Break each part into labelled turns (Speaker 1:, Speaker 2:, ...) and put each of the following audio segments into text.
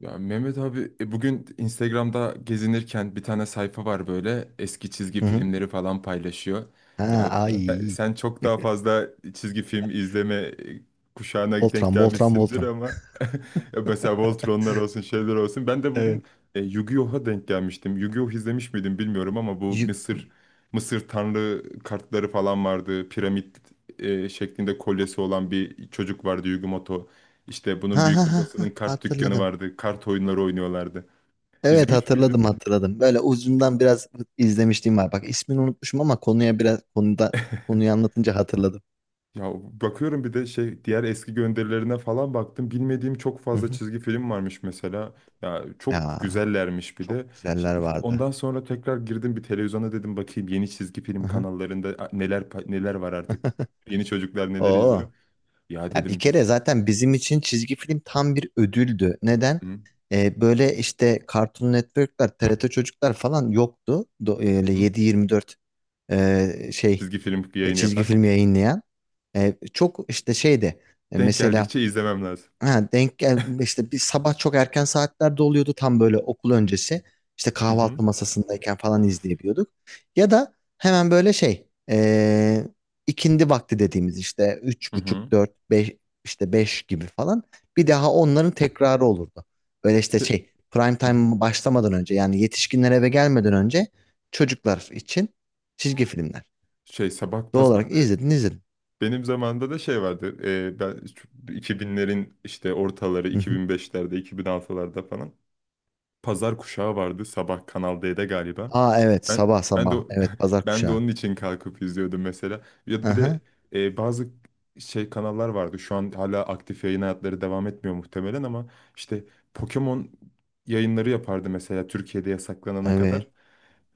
Speaker 1: Ya Mehmet abi bugün Instagram'da gezinirken bir tane sayfa var böyle eski çizgi
Speaker 2: Hı hı.
Speaker 1: filmleri falan paylaşıyor.
Speaker 2: Ha, evet.
Speaker 1: Ya
Speaker 2: Ay.
Speaker 1: sen çok daha fazla çizgi film izleme kuşağına denk
Speaker 2: Voltran, Voltran,
Speaker 1: gelmişsindir
Speaker 2: Voltran.
Speaker 1: ama mesela Voltronlar olsun şeyler olsun. Ben de
Speaker 2: Evet.
Speaker 1: bugün Yu-Gi-Oh'a denk gelmiştim. Yu-Gi-Oh izlemiş miydim bilmiyorum ama bu
Speaker 2: Yü-
Speaker 1: Mısır tanrı kartları falan vardı. Piramit şeklinde kolyesi olan bir çocuk vardı, işte bunun
Speaker 2: Ha ha
Speaker 1: büyük
Speaker 2: ha ha,
Speaker 1: babasının kart dükkanı
Speaker 2: hatırladım.
Speaker 1: vardı. Kart oyunları oynuyorlardı.
Speaker 2: Evet,
Speaker 1: İzlemiş
Speaker 2: hatırladım
Speaker 1: miydin?
Speaker 2: hatırladım. Böyle uzundan biraz izlemişliğim var. Bak, ismini unutmuşum ama konuya biraz konuda konuyu anlatınca hatırladım.
Speaker 1: Ya bakıyorum, bir de şey, diğer eski gönderilerine falan baktım. Bilmediğim çok
Speaker 2: Hı
Speaker 1: fazla
Speaker 2: hı.
Speaker 1: çizgi film varmış mesela. Ya çok
Speaker 2: Ya
Speaker 1: güzellermiş bir de.
Speaker 2: çok
Speaker 1: Ş-
Speaker 2: güzeller vardı.
Speaker 1: Ondan sonra tekrar girdim bir televizyona, dedim bakayım yeni çizgi film
Speaker 2: Hı hı.
Speaker 1: kanallarında neler neler var artık. Yeni çocuklar neler
Speaker 2: Oo.
Speaker 1: izliyor? Ya
Speaker 2: Ya bir
Speaker 1: dedim
Speaker 2: kere
Speaker 1: biz.
Speaker 2: zaten bizim için çizgi film tam bir ödüldü. Neden?
Speaker 1: Hı
Speaker 2: Böyle işte Cartoon Network'ler, TRT Çocuklar falan yoktu. Öyle
Speaker 1: hı.
Speaker 2: 7-24 şey
Speaker 1: Çizgi film yayını
Speaker 2: çizgi
Speaker 1: yapan.
Speaker 2: film yayınlayan. Çok işte şeyde
Speaker 1: Denk
Speaker 2: mesela,
Speaker 1: geldikçe izlemem lazım.
Speaker 2: ha, denk gel işte bir sabah çok erken saatlerde oluyordu, tam böyle okul öncesi. İşte
Speaker 1: Hı hı.
Speaker 2: kahvaltı masasındayken falan
Speaker 1: Of.
Speaker 2: izleyebiliyorduk. Ya da hemen böyle şey, ikindi vakti dediğimiz, işte üç
Speaker 1: Hı hı.
Speaker 2: buçuk dört beş, işte beş gibi falan bir daha onların tekrarı olurdu. Böyle işte
Speaker 1: Şey-
Speaker 2: şey prime
Speaker 1: Hı hı.
Speaker 2: time başlamadan önce, yani yetişkinler eve gelmeden önce çocuklar için çizgi filmler.
Speaker 1: Şey sabah
Speaker 2: Doğal
Speaker 1: pas ben
Speaker 2: olarak
Speaker 1: de
Speaker 2: izledin izledin.
Speaker 1: benim zamanımda da şey vardı. Ben şu 2000'lerin işte ortaları,
Speaker 2: Hı hı.
Speaker 1: 2005'lerde 2006'larda falan pazar kuşağı vardı sabah Kanal D'de galiba.
Speaker 2: Aa, evet,
Speaker 1: Ben
Speaker 2: sabah
Speaker 1: ben de
Speaker 2: sabah.
Speaker 1: o-
Speaker 2: Evet, pazar
Speaker 1: Ben de
Speaker 2: kuşağı.
Speaker 1: onun için kalkıp izliyordum mesela. Ya da bir de
Speaker 2: Aha,
Speaker 1: bazı kanallar vardı. Şu an hala aktif yayın hayatları devam etmiyor muhtemelen ama işte Pokemon yayınları yapardı mesela, Türkiye'de yasaklanana kadar.
Speaker 2: evet.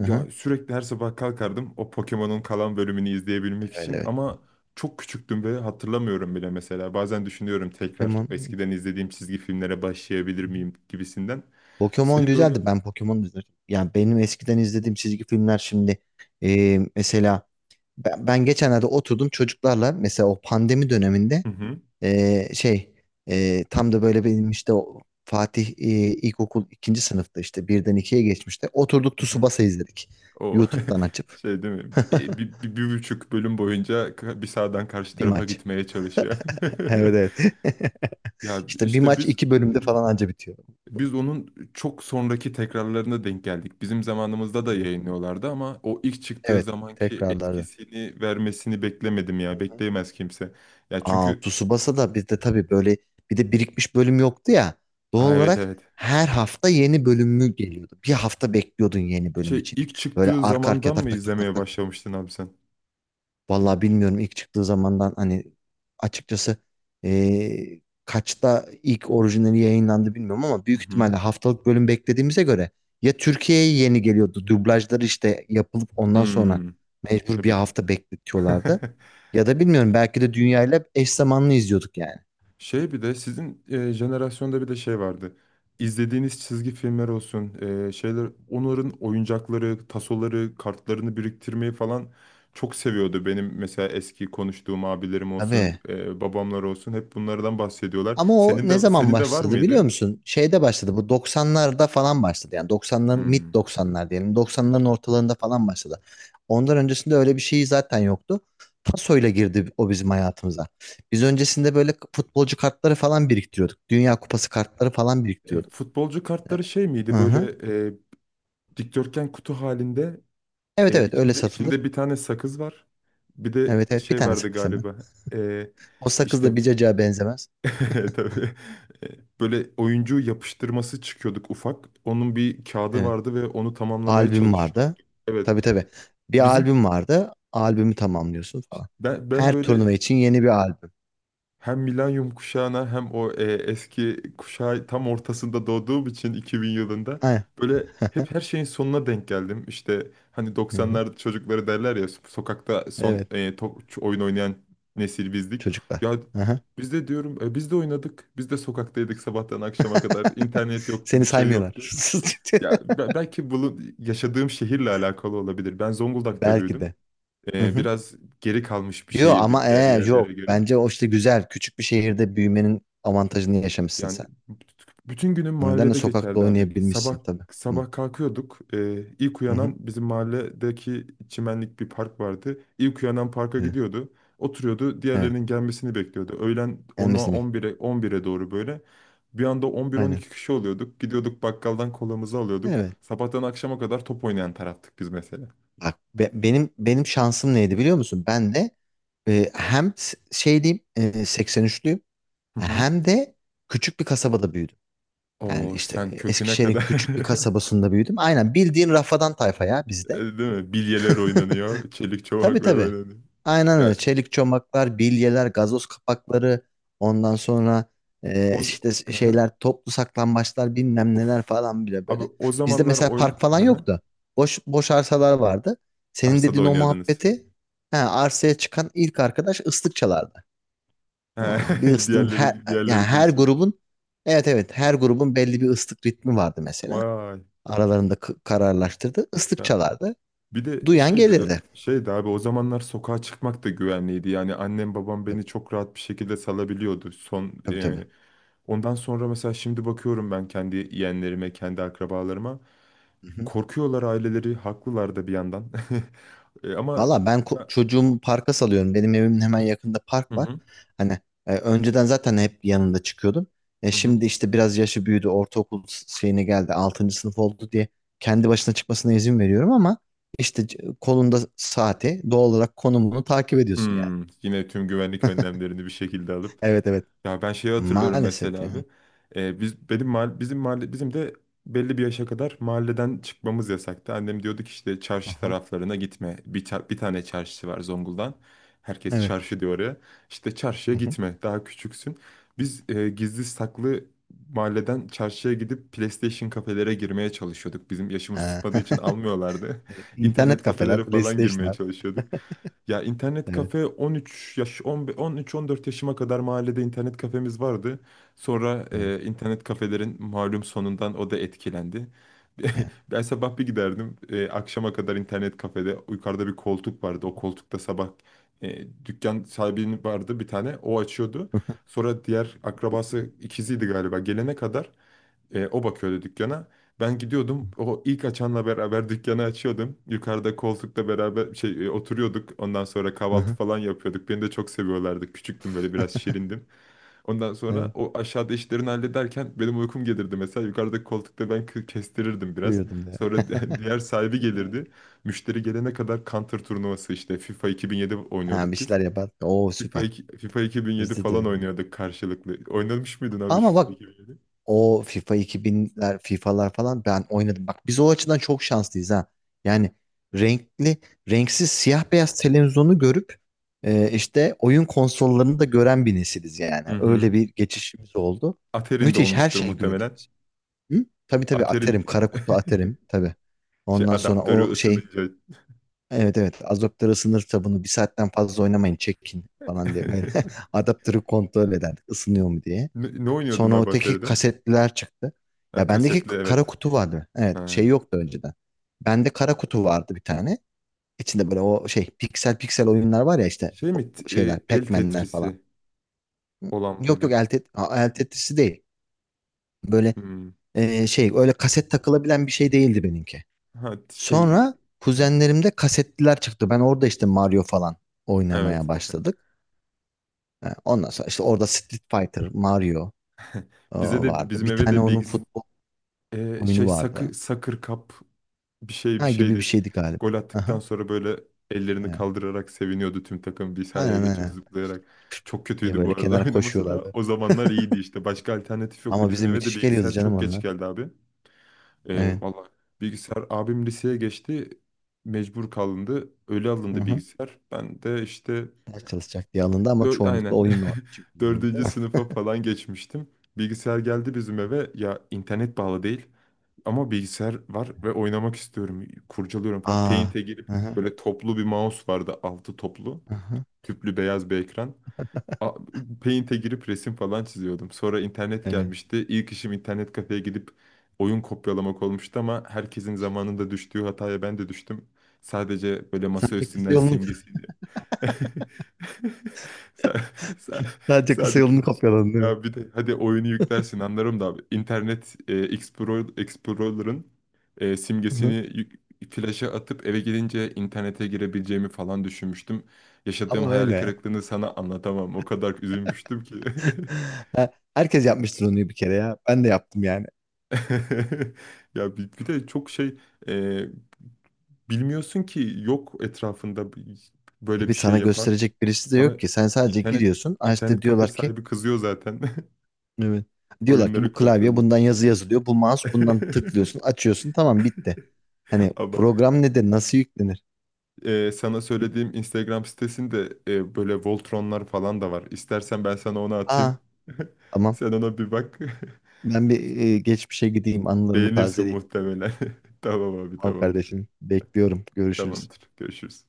Speaker 2: Aha,
Speaker 1: Ya sürekli her sabah kalkardım o Pokemon'un kalan bölümünü izleyebilmek
Speaker 2: evet
Speaker 1: için
Speaker 2: evet.
Speaker 1: ama çok küçüktüm ve hatırlamıyorum bile mesela. Bazen düşünüyorum, tekrar
Speaker 2: Pokemon.
Speaker 1: eskiden izlediğim çizgi filmlere başlayabilir
Speaker 2: Hı hı.
Speaker 1: miyim gibisinden.
Speaker 2: Pokemon
Speaker 1: Senin böyle,
Speaker 2: güzeldi. Ben Pokemon izledim. Yani benim eskiden izlediğim çizgi filmler şimdi, mesela ben geçenlerde oturdum çocuklarla, mesela o pandemi döneminde,
Speaker 1: hı hı,
Speaker 2: şey, tam da böyle benim işte o Fatih, ilkokul ikinci sınıfta, işte birden ikiye geçmişte oturduk,
Speaker 1: hı hı.
Speaker 2: Tsubasa izledik.
Speaker 1: O
Speaker 2: YouTube'dan açıp
Speaker 1: şey değil mi? Bir buçuk bölüm boyunca bir sağdan karşı
Speaker 2: bir
Speaker 1: tarafa
Speaker 2: maç.
Speaker 1: gitmeye çalışıyor.
Speaker 2: Evet evet.
Speaker 1: Ya
Speaker 2: İşte bir
Speaker 1: işte
Speaker 2: maç
Speaker 1: biz
Speaker 2: iki bölümde falan anca bitiyor.
Speaker 1: Biz onun çok sonraki tekrarlarına denk geldik. Bizim zamanımızda da yayınlıyorlardı ama o ilk çıktığı
Speaker 2: Evet,
Speaker 1: zamanki
Speaker 2: tekrarlarda.
Speaker 1: etkisini vermesini beklemedim ya. Bekleyemez kimse. Ya
Speaker 2: Aa,
Speaker 1: çünkü
Speaker 2: Tsubasa da bizde tabii böyle bir de birikmiş bölüm yoktu ya. Doğal
Speaker 1: Aa, evet
Speaker 2: olarak
Speaker 1: evet.
Speaker 2: her hafta yeni bölümü geliyordu. Bir hafta bekliyordun yeni bölüm için.
Speaker 1: İlk
Speaker 2: Böyle
Speaker 1: çıktığı
Speaker 2: arka arkaya
Speaker 1: zamandan
Speaker 2: tak
Speaker 1: mı
Speaker 2: tak tak tak
Speaker 1: izlemeye
Speaker 2: tak.
Speaker 1: başlamıştın abi sen?
Speaker 2: Vallahi bilmiyorum ilk çıktığı zamandan, hani, açıkçası, kaçta ilk orijinali yayınlandı bilmiyorum ama
Speaker 1: Hı
Speaker 2: büyük
Speaker 1: hı.
Speaker 2: ihtimalle haftalık bölüm beklediğimize göre ya Türkiye'ye yeni geliyordu, dublajları işte yapılıp ondan sonra
Speaker 1: Hmm.
Speaker 2: mecbur bir
Speaker 1: Tabii de.
Speaker 2: hafta bekletiyorlardı, ya da bilmiyorum, belki de dünyayla eş zamanlı izliyorduk yani.
Speaker 1: Bir de sizin jenerasyonda bir de şey vardı. İzlediğiniz çizgi filmler olsun, şeyler, onların oyuncakları, tasoları, kartlarını biriktirmeyi falan çok seviyordu. Benim mesela eski konuştuğum abilerim olsun,
Speaker 2: Tabii.
Speaker 1: babamlar olsun hep bunlardan bahsediyorlar.
Speaker 2: Ama o
Speaker 1: Senin
Speaker 2: ne
Speaker 1: de
Speaker 2: zaman
Speaker 1: senin de var
Speaker 2: başladı biliyor
Speaker 1: mıydı?
Speaker 2: musun? Şeyde başladı Bu 90'larda falan başladı. Yani 90'ların, mid
Speaker 1: Hmm.
Speaker 2: 90'lar diyelim. 90'ların ortalarında falan başladı. Ondan öncesinde öyle bir şey zaten yoktu. Pasoyla girdi o bizim hayatımıza. Biz öncesinde böyle futbolcu kartları falan biriktiriyorduk. Dünya Kupası kartları falan biriktiriyorduk.
Speaker 1: Futbolcu kartları şey
Speaker 2: Hı
Speaker 1: miydi
Speaker 2: hı.
Speaker 1: böyle, e, dikdörtgen kutu halinde,
Speaker 2: Evet evet, öyle
Speaker 1: içinde
Speaker 2: satılır.
Speaker 1: içinde bir tane sakız var. Bir de
Speaker 2: Evet evet, bir
Speaker 1: şey
Speaker 2: tane
Speaker 1: vardı
Speaker 2: sakız hemen.
Speaker 1: galiba. E,
Speaker 2: O sakız
Speaker 1: işte
Speaker 2: da bir cacığa benzemez.
Speaker 1: Tabii. E, böyle oyuncu yapıştırması çıkıyorduk ufak. Onun bir kağıdı
Speaker 2: Evet.
Speaker 1: vardı ve onu tamamlamaya
Speaker 2: Albüm
Speaker 1: çalışıyorduk.
Speaker 2: vardı.
Speaker 1: Evet.
Speaker 2: Tabii tabii. Bir
Speaker 1: Bizim
Speaker 2: albüm vardı. Albümü tamamlıyorsun falan.
Speaker 1: ben ben
Speaker 2: Her turnuva
Speaker 1: böyle
Speaker 2: için yeni bir albüm.
Speaker 1: Hem milenyum kuşağına hem o eski kuşağı tam ortasında doğduğum için 2000 yılında
Speaker 2: Aynen.
Speaker 1: böyle hep her şeyin sonuna denk geldim. İşte hani
Speaker 2: Hı hı.
Speaker 1: 90'lar çocukları derler ya, sokakta son
Speaker 2: Evet.
Speaker 1: oyun oynayan nesil bizdik.
Speaker 2: Çocuklar.
Speaker 1: Ya
Speaker 2: Hı.
Speaker 1: biz de diyorum, biz de oynadık. Biz de sokaktaydık sabahtan akşama kadar. İnternet yoktu,
Speaker 2: Seni
Speaker 1: bir şey yoktu.
Speaker 2: saymıyorlar.
Speaker 1: Ya belki bulun yaşadığım şehirle alakalı olabilir. Ben Zonguldak'ta
Speaker 2: Belki
Speaker 1: büyüdüm.
Speaker 2: de. Hı hı.
Speaker 1: Biraz geri kalmış bir
Speaker 2: Yo
Speaker 1: şehirdi
Speaker 2: ama,
Speaker 1: diğer yerlere
Speaker 2: yok.
Speaker 1: göre.
Speaker 2: Bence o işte güzel. Küçük bir şehirde büyümenin avantajını yaşamışsın
Speaker 1: Yani
Speaker 2: sen.
Speaker 1: bütün günüm
Speaker 2: O nedenle
Speaker 1: mahallede
Speaker 2: sokakta
Speaker 1: geçerdi abi. Sabah
Speaker 2: oynayabilmişsin tabii. Hı
Speaker 1: sabah kalkıyorduk. İlk
Speaker 2: hı, hı.
Speaker 1: uyanan bizim mahalledeki çimenlik bir park vardı. İlk uyanan parka
Speaker 2: Evet.
Speaker 1: gidiyordu. Oturuyordu.
Speaker 2: Evet.
Speaker 1: Diğerlerinin gelmesini bekliyordu. Öğlen 10'a
Speaker 2: Gelmesini bek-
Speaker 1: 11'e doğru böyle. Bir anda
Speaker 2: Aynen.
Speaker 1: 11-12 kişi oluyorduk. Gidiyorduk bakkaldan kolamızı alıyorduk.
Speaker 2: Evet.
Speaker 1: Sabahtan akşama kadar top oynayan taraftık biz mesela.
Speaker 2: Bak, benim şansım neydi biliyor musun? Ben de, hem şey diyeyim, 83'lüyüm,
Speaker 1: Hı hı.
Speaker 2: hem de küçük bir kasabada büyüdüm. Yani
Speaker 1: Oo
Speaker 2: işte,
Speaker 1: sen köküne
Speaker 2: Eskişehir'in
Speaker 1: kadar.
Speaker 2: küçük bir kasabasında büyüdüm. Aynen, bildiğin rafadan tayfa ya bizde.
Speaker 1: Değil mi? Bilyeler oynanıyor. Çelik
Speaker 2: Tabii
Speaker 1: çomaklar
Speaker 2: tabii.
Speaker 1: oynanıyor.
Speaker 2: Aynen
Speaker 1: Ya
Speaker 2: öyle. Çelik çomaklar, bilyeler, gazoz kapakları, ondan sonra,
Speaker 1: o,
Speaker 2: işte şeyler, toplu saklambaçlar, bilmem
Speaker 1: Of.
Speaker 2: neler falan bile
Speaker 1: Abi
Speaker 2: böyle.
Speaker 1: o
Speaker 2: Bizde
Speaker 1: zamanlar
Speaker 2: mesela park
Speaker 1: oyun.
Speaker 2: falan
Speaker 1: Hı hı.
Speaker 2: yoktu. Boş boş arsalar vardı. Senin
Speaker 1: Arsada
Speaker 2: dediğin o
Speaker 1: oynuyordunuz.
Speaker 2: muhabbeti, he, arsaya çıkan ilk arkadaş ıslık çalardı.
Speaker 1: He,
Speaker 2: Tamam mı? Bir ıslığım her
Speaker 1: Diğerleri,
Speaker 2: yani
Speaker 1: diğerleri
Speaker 2: her
Speaker 1: duysun.
Speaker 2: grubun evet evet, her grubun belli bir ıslık ritmi vardı mesela.
Speaker 1: Vay.
Speaker 2: Aralarında kararlaştırdı. Islık
Speaker 1: Ya.
Speaker 2: çalardı.
Speaker 1: Bir de
Speaker 2: Duyan gelirdi.
Speaker 1: abi o zamanlar sokağa çıkmak da güvenliydi. Yani annem babam beni çok rahat bir şekilde salabiliyordu.
Speaker 2: Tabii tabii,
Speaker 1: Ondan sonra mesela şimdi bakıyorum ben kendi yeğenlerime, kendi akrabalarıma.
Speaker 2: tabii.
Speaker 1: Korkuyorlar aileleri, haklılar da bir yandan. E, ama
Speaker 2: Valla, ben çocuğumu parka salıyorum. Benim evimin hemen yakında
Speaker 1: Hı
Speaker 2: park var.
Speaker 1: hı.
Speaker 2: Hani, önceden zaten hep yanında çıkıyordum. E,
Speaker 1: Hı hı.
Speaker 2: şimdi işte biraz yaşı büyüdü. Ortaokul şeyine geldi. Altıncı sınıf oldu diye kendi başına çıkmasına izin veriyorum ama işte kolunda saati, doğal olarak konumunu takip ediyorsun yani.
Speaker 1: Hmm, yine tüm güvenlik önlemlerini bir şekilde alıp.
Speaker 2: Evet evet.
Speaker 1: Ya ben şeyi hatırlıyorum
Speaker 2: Maalesef
Speaker 1: mesela
Speaker 2: yani.
Speaker 1: abi. Bizim mahalle, bizim de belli bir yaşa kadar mahalleden çıkmamız yasaktı. Annem diyordu ki işte çarşı
Speaker 2: Aha,
Speaker 1: taraflarına gitme. Bir tane çarşısı var Zonguldak'ın. Herkes
Speaker 2: evet.
Speaker 1: çarşı diyor oraya. İşte çarşıya
Speaker 2: Hı hı.
Speaker 1: gitme. Daha küçüksün. Biz gizli saklı mahalleden çarşıya gidip PlayStation kafelere girmeye çalışıyorduk. Bizim yaşımız tutmadığı için almıyorlardı.
Speaker 2: Evet. İnternet
Speaker 1: İnternet
Speaker 2: kafeler,
Speaker 1: kafelere falan girmeye
Speaker 2: PlayStation'lar.
Speaker 1: çalışıyorduk. Ya internet
Speaker 2: Evet.
Speaker 1: kafe 13 yaş, 13-14 yaşıma kadar mahallede internet kafemiz vardı. Sonra
Speaker 2: Evet.
Speaker 1: internet kafelerin malum sonundan o da etkilendi.
Speaker 2: Yani.
Speaker 1: Ben sabah bir giderdim, akşama kadar internet kafede. Yukarıda bir koltuk vardı. O koltukta sabah dükkan sahibinin vardı bir tane. O açıyordu. Sonra diğer akrabası ikiziydi galiba. Gelene kadar o bakıyordu dükkana. Ben gidiyordum. O ilk açanla beraber dükkanı açıyordum. Yukarıda koltukla beraber oturuyorduk. Ondan sonra kahvaltı
Speaker 2: Hı.
Speaker 1: falan yapıyorduk. Beni de çok seviyorlardı. Küçüktüm, böyle biraz şirindim. Ondan sonra
Speaker 2: Evet.
Speaker 1: o aşağıda işlerini hallederken benim uykum gelirdi mesela. Yukarıdaki koltukta ben kestirirdim biraz.
Speaker 2: Buyurdum diye.
Speaker 1: Sonra diğer sahibi
Speaker 2: Evet.
Speaker 1: gelirdi. Müşteri gelene kadar Counter turnuvası işte FIFA 2007
Speaker 2: Ha, bir
Speaker 1: oynuyorduk biz.
Speaker 2: şeyler yapar. Oo, süper.
Speaker 1: FIFA 2007
Speaker 2: Bizde de
Speaker 1: falan
Speaker 2: öyle.
Speaker 1: oynuyorduk karşılıklı. Oynamış mıydın abi şu
Speaker 2: Ama
Speaker 1: FIFA
Speaker 2: bak,
Speaker 1: 2007?
Speaker 2: o FIFA 2000'ler, FIFA'lar falan ben oynadım. Bak biz o açıdan çok şanslıyız ha. Yani renkli, renksiz, siyah beyaz televizyonu görüp, işte oyun konsollarını da gören bir nesiliz yani.
Speaker 1: Hı
Speaker 2: Öyle
Speaker 1: hı.
Speaker 2: bir geçişimiz oldu.
Speaker 1: Aterin'de
Speaker 2: Müthiş her
Speaker 1: olmuştur
Speaker 2: şeyi gördük
Speaker 1: muhtemelen.
Speaker 2: biz. Hı? Tabii tabii,
Speaker 1: Aterin
Speaker 2: Aterim, kara kutu atarım tabii.
Speaker 1: şey
Speaker 2: Ondan sonra
Speaker 1: adaptörü
Speaker 2: o şey.
Speaker 1: ısınınca.
Speaker 2: Evet evet, adaptörü ısınır, kitabını bir saatten fazla oynamayın çekin falan diye, böyle adaptörü kontrol ederdik, ısınıyor mu diye.
Speaker 1: Ne oynuyordun
Speaker 2: Sonra
Speaker 1: abi
Speaker 2: öteki
Speaker 1: Atari'de?
Speaker 2: kasetliler çıktı.
Speaker 1: Ha,
Speaker 2: Ya bendeki
Speaker 1: kasetli
Speaker 2: kara
Speaker 1: evet.
Speaker 2: kutu vardı. Evet, şey
Speaker 1: Ha.
Speaker 2: yoktu önceden. Bende kara kutu vardı bir tane. İçinde böyle o şey piksel piksel oyunlar var ya, işte
Speaker 1: Şey
Speaker 2: o
Speaker 1: mi?
Speaker 2: şeyler,
Speaker 1: El
Speaker 2: Pac-Man'ler falan.
Speaker 1: Tetris'i olan
Speaker 2: Yok yok,
Speaker 1: mıydı?
Speaker 2: el Tetris'i değil. Böyle,
Speaker 1: Hmm.
Speaker 2: şey, öyle kaset takılabilen bir şey değildi benimki.
Speaker 1: Ha şey
Speaker 2: Sonra
Speaker 1: Hı.
Speaker 2: kuzenlerimde kasetliler çıktı. Ben orada işte Mario falan oynamaya
Speaker 1: Evet.
Speaker 2: başladık. Ha, ondan sonra işte orada Street Fighter, Mario,
Speaker 1: Bize de,
Speaker 2: vardı.
Speaker 1: bizim
Speaker 2: Bir
Speaker 1: eve
Speaker 2: tane
Speaker 1: de
Speaker 2: onun futbol oyunu
Speaker 1: şey
Speaker 2: vardı.
Speaker 1: sakı sakır kap, bir şey bir
Speaker 2: Ha gibi bir
Speaker 1: şeydi.
Speaker 2: şeydi galiba.
Speaker 1: Gol attıktan
Speaker 2: Aha,
Speaker 1: sonra böyle ellerini
Speaker 2: evet.
Speaker 1: kaldırarak seviniyordu tüm takım bir sahaya
Speaker 2: Aynen
Speaker 1: geçip
Speaker 2: aynen.
Speaker 1: zıplayarak. Çok
Speaker 2: Diye
Speaker 1: kötüydü bu
Speaker 2: böyle
Speaker 1: arada
Speaker 2: kenara
Speaker 1: oynaması da,
Speaker 2: koşuyorlardı.
Speaker 1: o zamanlar iyiydi işte. Başka alternatif yoktu.
Speaker 2: Ama
Speaker 1: Bizim
Speaker 2: bize
Speaker 1: eve de
Speaker 2: müthiş geliyordu
Speaker 1: bilgisayar
Speaker 2: canım
Speaker 1: çok geç
Speaker 2: onlar.
Speaker 1: geldi abi.
Speaker 2: Evet.
Speaker 1: Valla bilgisayar abim liseye geçti. Mecbur kalındı. Öyle alındı
Speaker 2: Hı-hı.
Speaker 1: bilgisayar. Ben de işte
Speaker 2: Ders çalışacak diye alındı ama çoğunlukla
Speaker 1: Aynen.
Speaker 2: oyun için kullanıldı değil
Speaker 1: Dördüncü
Speaker 2: mi?
Speaker 1: sınıfa falan geçmiştim. Bilgisayar geldi bizim eve. Ya internet bağlı değil. Ama bilgisayar var ve oynamak istiyorum. Kurcalıyorum falan.
Speaker 2: Aa.
Speaker 1: Paint'e girip,
Speaker 2: Aha,
Speaker 1: böyle toplu bir mouse vardı. Altı toplu.
Speaker 2: aha,
Speaker 1: Tüplü beyaz bir ekran. A- Paint'e girip resim falan çiziyordum. Sonra internet
Speaker 2: evet.
Speaker 1: gelmişti. İlk işim internet kafeye gidip oyun kopyalamak olmuştu ama herkesin zamanında düştüğü hataya ben de düştüm. Sadece böyle masa
Speaker 2: Sadece kısa
Speaker 1: üstünden
Speaker 2: yolunu,
Speaker 1: simgesi. Sen, sen,
Speaker 2: sadece kısa
Speaker 1: sadece,
Speaker 2: yolunu kopyaladın değil mi?
Speaker 1: ya bir de hadi oyunu yüklersin anlarım da abi. İnternet Explorer'ın
Speaker 2: Hı
Speaker 1: simgesini
Speaker 2: hı.
Speaker 1: flaşa atıp eve gelince internete girebileceğimi falan düşünmüştüm. Yaşadığım
Speaker 2: Ama
Speaker 1: hayal
Speaker 2: öyle.
Speaker 1: kırıklığını sana anlatamam. O kadar üzülmüştüm ki.
Speaker 2: Ha, herkes yapmıştır onu bir kere ya. Ben de yaptım yani.
Speaker 1: Ya bir de çok şey, e, bilmiyorsun ki, yok etrafında böyle
Speaker 2: Tabii,
Speaker 1: bir şey
Speaker 2: sana
Speaker 1: yapan.
Speaker 2: gösterecek birisi de
Speaker 1: Sana
Speaker 2: yok ki. Sen sadece
Speaker 1: internet
Speaker 2: giriyorsun. Ha,
Speaker 1: internet
Speaker 2: işte
Speaker 1: kafe
Speaker 2: diyorlar ki
Speaker 1: sahibi kızıyor zaten.
Speaker 2: evet. Diyorlar ki
Speaker 1: Oyunları
Speaker 2: bu klavye,
Speaker 1: kopyalıyor.
Speaker 2: bundan yazı yazılıyor. Bu mouse, bundan tıklıyorsun, açıyorsun. Tamam, bitti. Hani
Speaker 1: Ama
Speaker 2: program ne de nasıl yüklenir?
Speaker 1: sana söylediğim Instagram sitesinde böyle Voltronlar falan da var. İstersen ben sana onu
Speaker 2: Aa,
Speaker 1: atayım.
Speaker 2: tamam.
Speaker 1: Sen ona bir bak.
Speaker 2: Ben bir, geçmişe gideyim, anılarımı
Speaker 1: Beğenirsin
Speaker 2: tazeleyeyim.
Speaker 1: muhtemelen. Tamam abi,
Speaker 2: Tamam
Speaker 1: tamamdır.
Speaker 2: kardeşim. Bekliyorum. Görüşürüz.
Speaker 1: Tamamdır. Görüşürüz.